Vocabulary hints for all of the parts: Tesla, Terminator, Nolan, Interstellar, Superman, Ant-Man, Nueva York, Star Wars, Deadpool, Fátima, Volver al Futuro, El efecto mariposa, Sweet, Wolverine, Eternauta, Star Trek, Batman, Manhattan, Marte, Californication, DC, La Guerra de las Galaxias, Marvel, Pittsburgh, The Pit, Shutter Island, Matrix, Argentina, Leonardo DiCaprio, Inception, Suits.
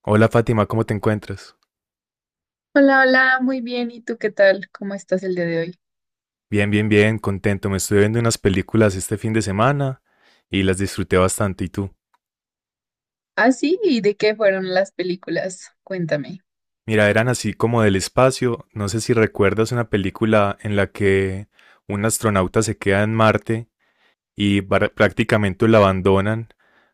Hola Fátima, ¿cómo te encuentras? Hola, hola, muy bien. ¿Y tú qué tal? ¿Cómo estás el día de hoy? Bien, bien, bien, contento. Me estuve viendo unas películas este fin de semana y las disfruté bastante. ¿Y tú? Ah, sí, ¿y de qué fueron las películas? Cuéntame. Mira, eran así como del espacio. No sé si recuerdas una película en la que un astronauta se queda en Marte y prácticamente lo abandonan,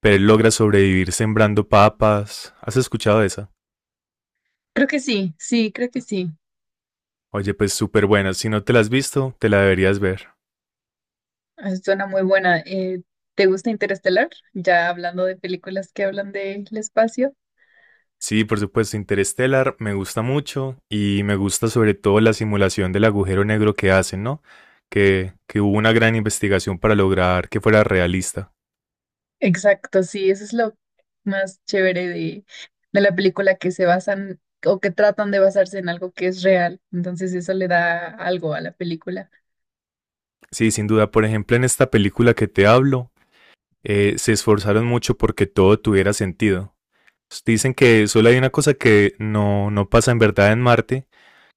pero él logra sobrevivir sembrando papas. ¿Has escuchado esa? Creo que sí, sí, creo que sí. Oye, pues súper buena. Si no te la has visto, te la deberías ver. Ah, suena muy buena. ¿Te gusta Interestelar? Ya hablando de películas que hablan del espacio. Sí, por supuesto, Interstellar me gusta mucho y me gusta sobre todo la simulación del agujero negro que hacen, ¿no? Que hubo una gran investigación para lograr que fuera realista. Exacto, sí, eso es lo más chévere de la película que se basan o que tratan de basarse en algo que es real. Entonces eso le da algo a la película. Sí, sin duda, por ejemplo, en esta película que te hablo, se esforzaron mucho porque todo tuviera sentido. Dicen que solo hay una cosa que no pasa en verdad en Marte,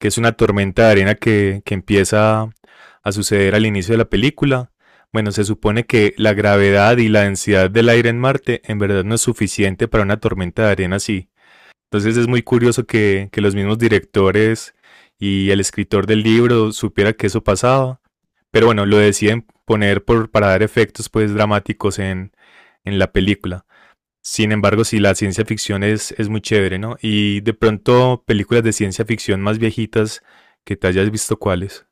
que es una tormenta de arena que empieza a suceder al inicio de la película. Bueno, se supone que la gravedad y la densidad del aire en Marte en verdad no es suficiente para una tormenta de arena así. Entonces es muy curioso que los mismos directores y el escritor del libro supiera que eso pasaba. Pero bueno, lo deciden poner para dar efectos pues dramáticos en la película. Sin embargo, sí, la ciencia ficción es muy chévere, ¿no? Y de pronto, películas de ciencia ficción más viejitas que te hayas visto cuáles.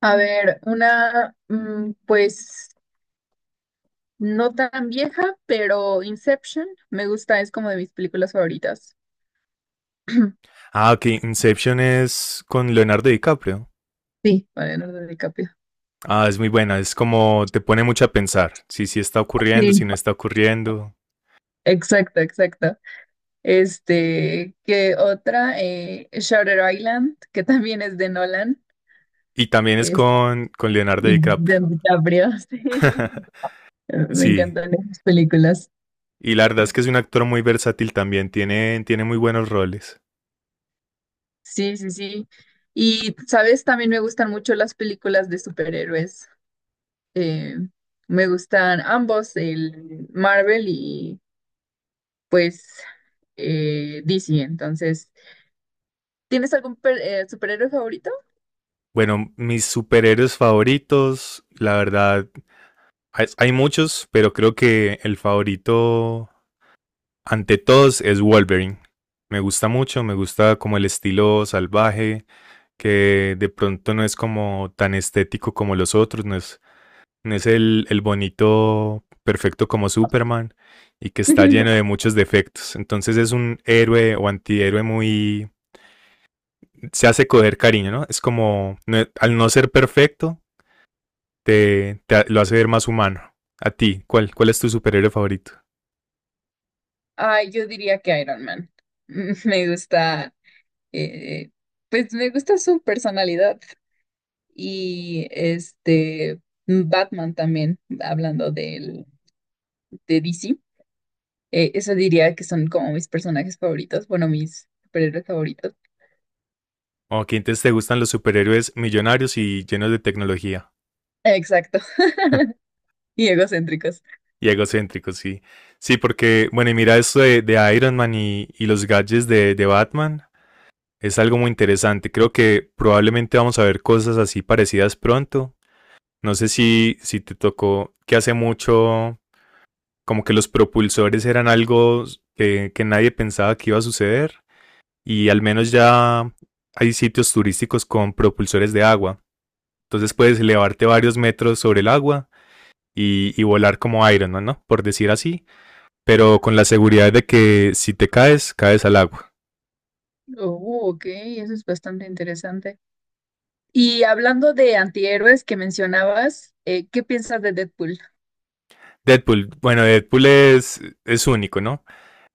A ver, una, pues no tan vieja, pero Inception me gusta, es como de mis películas favoritas. Ah, ok, Inception es con Leonardo DiCaprio. Sí, con Leonardo DiCaprio. Ah, es muy buena, es como te pone mucho a pensar, si sí está ocurriendo, si Sí. no está ocurriendo. Exacto, exacto. Este, que otra, Shutter Island, que también es de Nolan, Y también es es con Leonardo y de DiCaprio. DiCaprio. Sí. Me Sí, encantan esas películas. y la verdad es que es un actor muy versátil también, tiene muy buenos roles. Sí, sí, sí. Y, ¿sabes? También me gustan mucho las películas de superhéroes. Eh, me gustan ambos, el Marvel y pues DC. Entonces, ¿ superhéroe favorito? Bueno, mis superhéroes favoritos, la verdad, hay muchos, pero creo que el favorito ante todos es Wolverine. Me gusta mucho, me gusta como el estilo salvaje, que de pronto no es como tan estético como los otros, no es el bonito perfecto como Superman y que está lleno de muchos defectos. Entonces es un héroe o antihéroe muy se hace coger cariño, ¿no? Es como, no, al no ser perfecto, lo hace ver más humano. A ti, ¿ cuál es tu superhéroe favorito? Ay, yo diría que Iron Man. Me gusta, eh, pues me gusta su personalidad y este Batman también, hablando del, de DC. Eso diría que son como mis personajes favoritos, bueno, mis superhéroes favoritos. Ok, entonces te gustan los superhéroes millonarios y llenos de tecnología. Exacto, y egocéntricos. Y egocéntricos, sí. Sí, porque, bueno, y mira esto de Iron Man y los gadgets de Batman. Es algo muy interesante. Creo que probablemente vamos a ver cosas así parecidas pronto. No sé si te tocó que hace mucho como que los propulsores eran algo que nadie pensaba que iba a suceder y al menos ya hay sitios turísticos con propulsores de agua. Entonces puedes elevarte varios metros sobre el agua y volar como Iron Man, ¿no? Por decir así, pero con la seguridad de que si te caes, caes al agua. Oh, ok, eso es bastante interesante. Y hablando de antihéroes que mencionabas, ¿qué piensas de Deadpool? Deadpool, bueno, Deadpool es único, ¿no?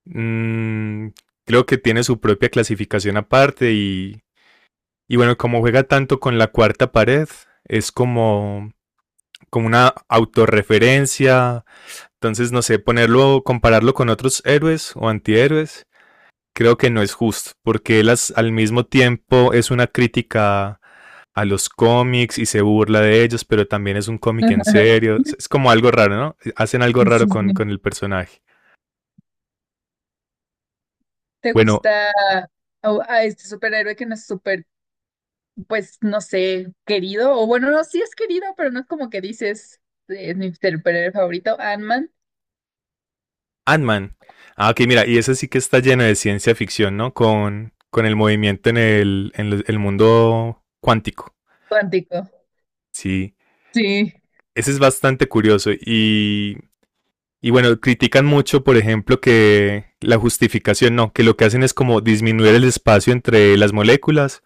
Mm, creo que tiene su propia clasificación aparte y bueno, como juega tanto con la cuarta pared, es como, como una autorreferencia, entonces no sé, ponerlo, compararlo con otros héroes o antihéroes creo que no es justo, porque él al mismo tiempo es una crítica a los cómics y se burla de ellos, pero también es un cómic en serio. Es como algo raro, ¿no? Hacen algo raro Sí, sí. con el personaje. ¿Te Bueno, gusta a, a este superhéroe que no es súper, pues no sé, ¿querido? O bueno, no, sí es querido, pero no es como que dices, es mi superhéroe favorito, Ant-Man, Ant-Man. Ah, ok, mira, y ese sí que está lleno de ciencia ficción, ¿no? Con el movimiento en el mundo cuántico. cuántico. Sí, Sí. ese es bastante curioso y bueno, critican mucho, por ejemplo, que la justificación no, que lo que hacen es como disminuir el espacio entre las moléculas,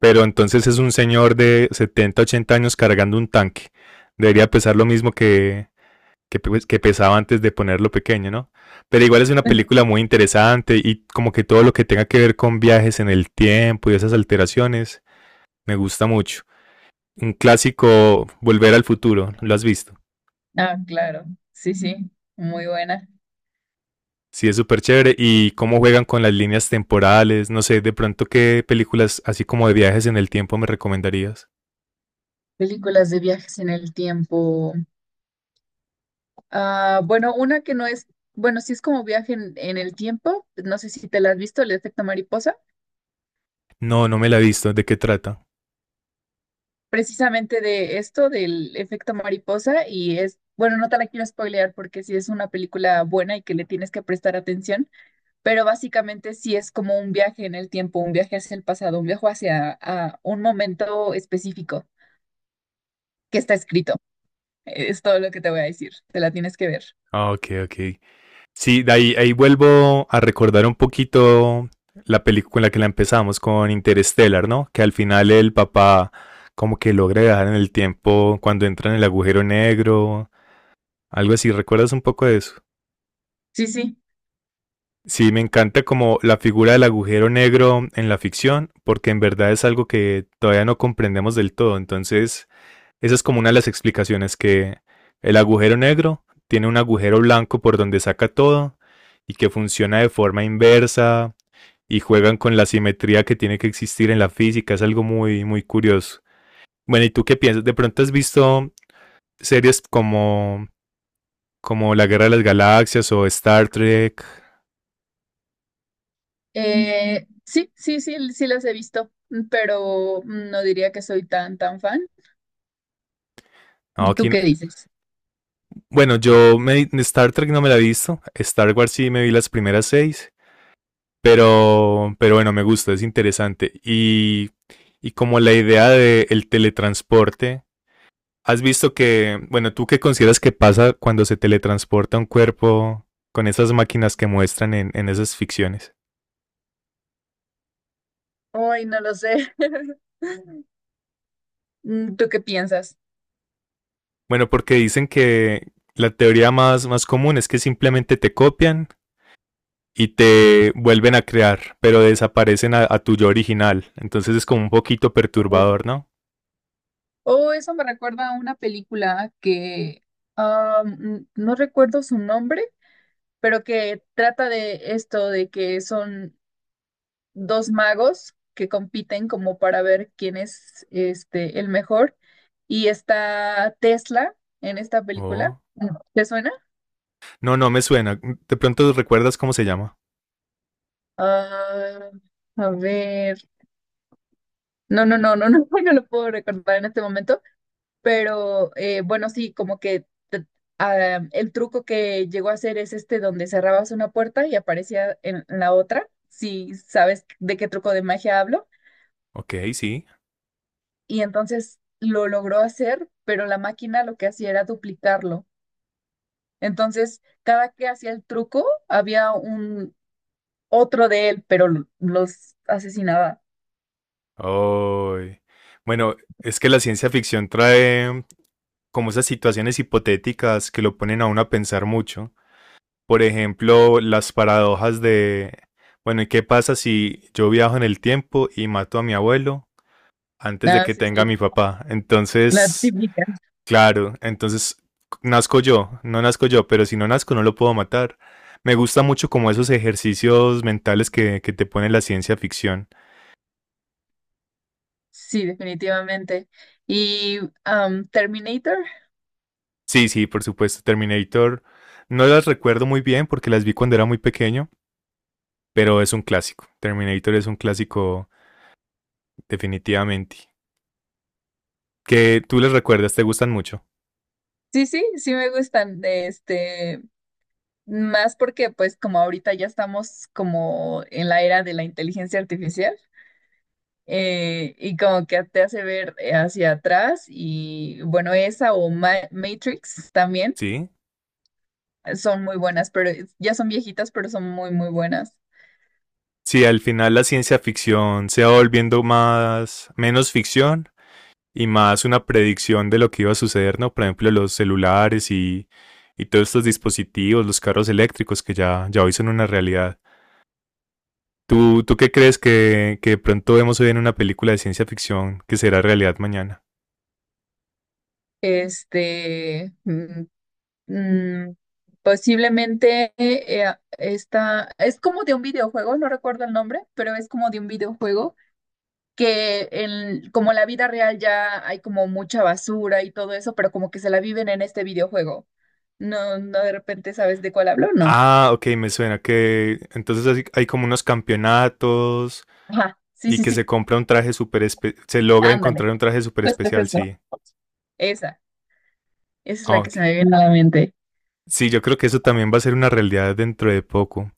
pero entonces es un señor de 70, 80 años cargando un tanque. Debería pesar lo mismo pues, que pesaba antes de ponerlo pequeño, ¿no? Pero igual es una película muy interesante y como que todo lo que tenga que ver con viajes en el tiempo y esas alteraciones, me gusta mucho. Un clásico, Volver al Futuro, ¿lo has visto? Ah, claro, sí, sí, muy buena. Sí, es súper chévere. ¿Y cómo juegan con las líneas temporales? No sé, de pronto, ¿qué películas así como de viajes en el tiempo me recomendarías? Películas de viajes en el tiempo. Ah, bueno, una que no es, bueno, sí es como viaje en el tiempo, no sé si te la has visto, El efecto mariposa. No, no me la he visto. ¿De qué trata? Precisamente de esto, del efecto mariposa, y es, bueno, no te la quiero spoilear porque sí es una película buena y que le tienes que prestar atención, pero básicamente sí es como un viaje en el tiempo, un viaje hacia el pasado, un viaje hacia a un momento específico que está escrito. Es todo lo que te voy a decir, te la tienes que ver. Ah, ok, ok. Sí, de ahí, ahí vuelvo a recordar un poquito la película con la que la empezamos, con Interstellar, ¿no? Que al final el papá como que logra viajar en el tiempo cuando entra en el agujero negro, algo así. ¿Recuerdas un poco de eso? Sí, sí. Sí, me encanta como la figura del agujero negro en la ficción, porque en verdad es algo que todavía no comprendemos del todo. Entonces, esa es como una de las explicaciones que el agujero negro tiene un agujero blanco por donde saca todo y que funciona de forma inversa y juegan con la simetría que tiene que existir en la física. Es algo muy, muy curioso. Bueno, ¿y tú qué piensas? ¿De pronto has visto series como, como La Guerra de las Galaxias o Star Trek? Sí, sí, sí, sí las he visto, pero no diría que soy tan, tan fan. No, aquí, ¿Tú no, qué dices? bueno, yo me, Star Trek no me la he visto, Star Wars sí me vi las primeras seis, pero bueno, me gusta, es interesante. Y como la idea del teletransporte, ¿has visto que, bueno, tú qué consideras que pasa cuando se teletransporta un cuerpo con esas máquinas que muestran en esas ficciones? Hoy no lo sé. ¿Tú qué piensas? Bueno, porque dicen que la teoría más común es que simplemente te copian y te vuelven a crear, pero desaparecen a tu yo original. Entonces es como un poquito perturbador, ¿no? Oh, eso me recuerda a una película que ah, no recuerdo su nombre, pero que trata de esto, de que son dos magos que compiten como para ver quién es el mejor. Y está Tesla en esta película. Oh. Mm. ¿Te suena? No, no me suena. De pronto recuerdas cómo se llama. Ah, a ver. No, no lo puedo recordar en este momento. Pero bueno, sí, como que te- ah, el truco que llegó a hacer es este donde cerrabas una puerta y aparecía en la otra, si sabes de qué truco de magia hablo. Ok, sí. Y entonces lo logró hacer, pero la máquina lo que hacía era duplicarlo. Entonces, cada que hacía el truco, había un otro de él, pero los asesinaba. Oh. Bueno, es que la ciencia ficción trae como esas situaciones hipotéticas que lo ponen a uno a pensar mucho. Por ejemplo, las paradojas de, bueno, ¿y qué pasa si yo viajo en el tiempo y mato a mi abuelo antes de Ah, que sí, tenga a sí, mi papá? la Entonces, típica. claro, entonces nazco yo, no nazco yo, pero si no nazco no lo puedo matar. Me gusta mucho como esos ejercicios mentales que te pone la ciencia ficción. Sí, definitivamente. Y Terminator. Sí, sí, por supuesto, Terminator. No las recuerdo muy bien porque las vi cuando era muy pequeño, pero es un clásico. Terminator es un clásico definitivamente. Que tú les recuerdas, te gustan mucho, Sí, sí, sí me gustan, de este, más porque pues como ahorita ya estamos como en la era de la inteligencia artificial, y como que te hace ver hacia atrás y bueno, esa o Matrix también, ¿sí? Son muy buenas, pero es- ya son viejitas, pero son muy, muy buenas. Sí. Al final la ciencia ficción se va volviendo más, menos ficción y más una predicción de lo que iba a suceder, ¿no? Por ejemplo, los celulares y todos estos dispositivos, los carros eléctricos que ya, ya hoy son una realidad. ¿ tú qué crees que de pronto vemos hoy en una película de ciencia ficción que será realidad mañana? Este, mm, mm, Posiblemente esta, es como de un videojuego, no recuerdo el nombre, pero es como de un videojuego que en, como en la vida real ya hay como mucha basura y todo eso, pero como que se la viven en este videojuego. No, no de repente sabes de cuál hablo, no. Ah, ok, me suena que entonces hay como unos campeonatos Ajá, sí, y sí, que se sí, compra un traje súper especial, se logra ándale. encontrar un traje súper Justo, especial, justo. sí. Esa, esa es Ah, la que ok. se me viene a la mente. Sí, yo creo que eso también va a ser una realidad dentro de poco.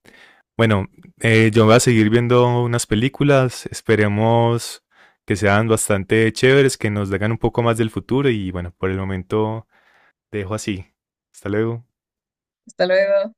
Bueno, yo voy a seguir viendo unas películas, esperemos que sean bastante chéveres, que nos digan un poco más del futuro y bueno, por el momento te dejo así. Hasta luego. Hasta luego.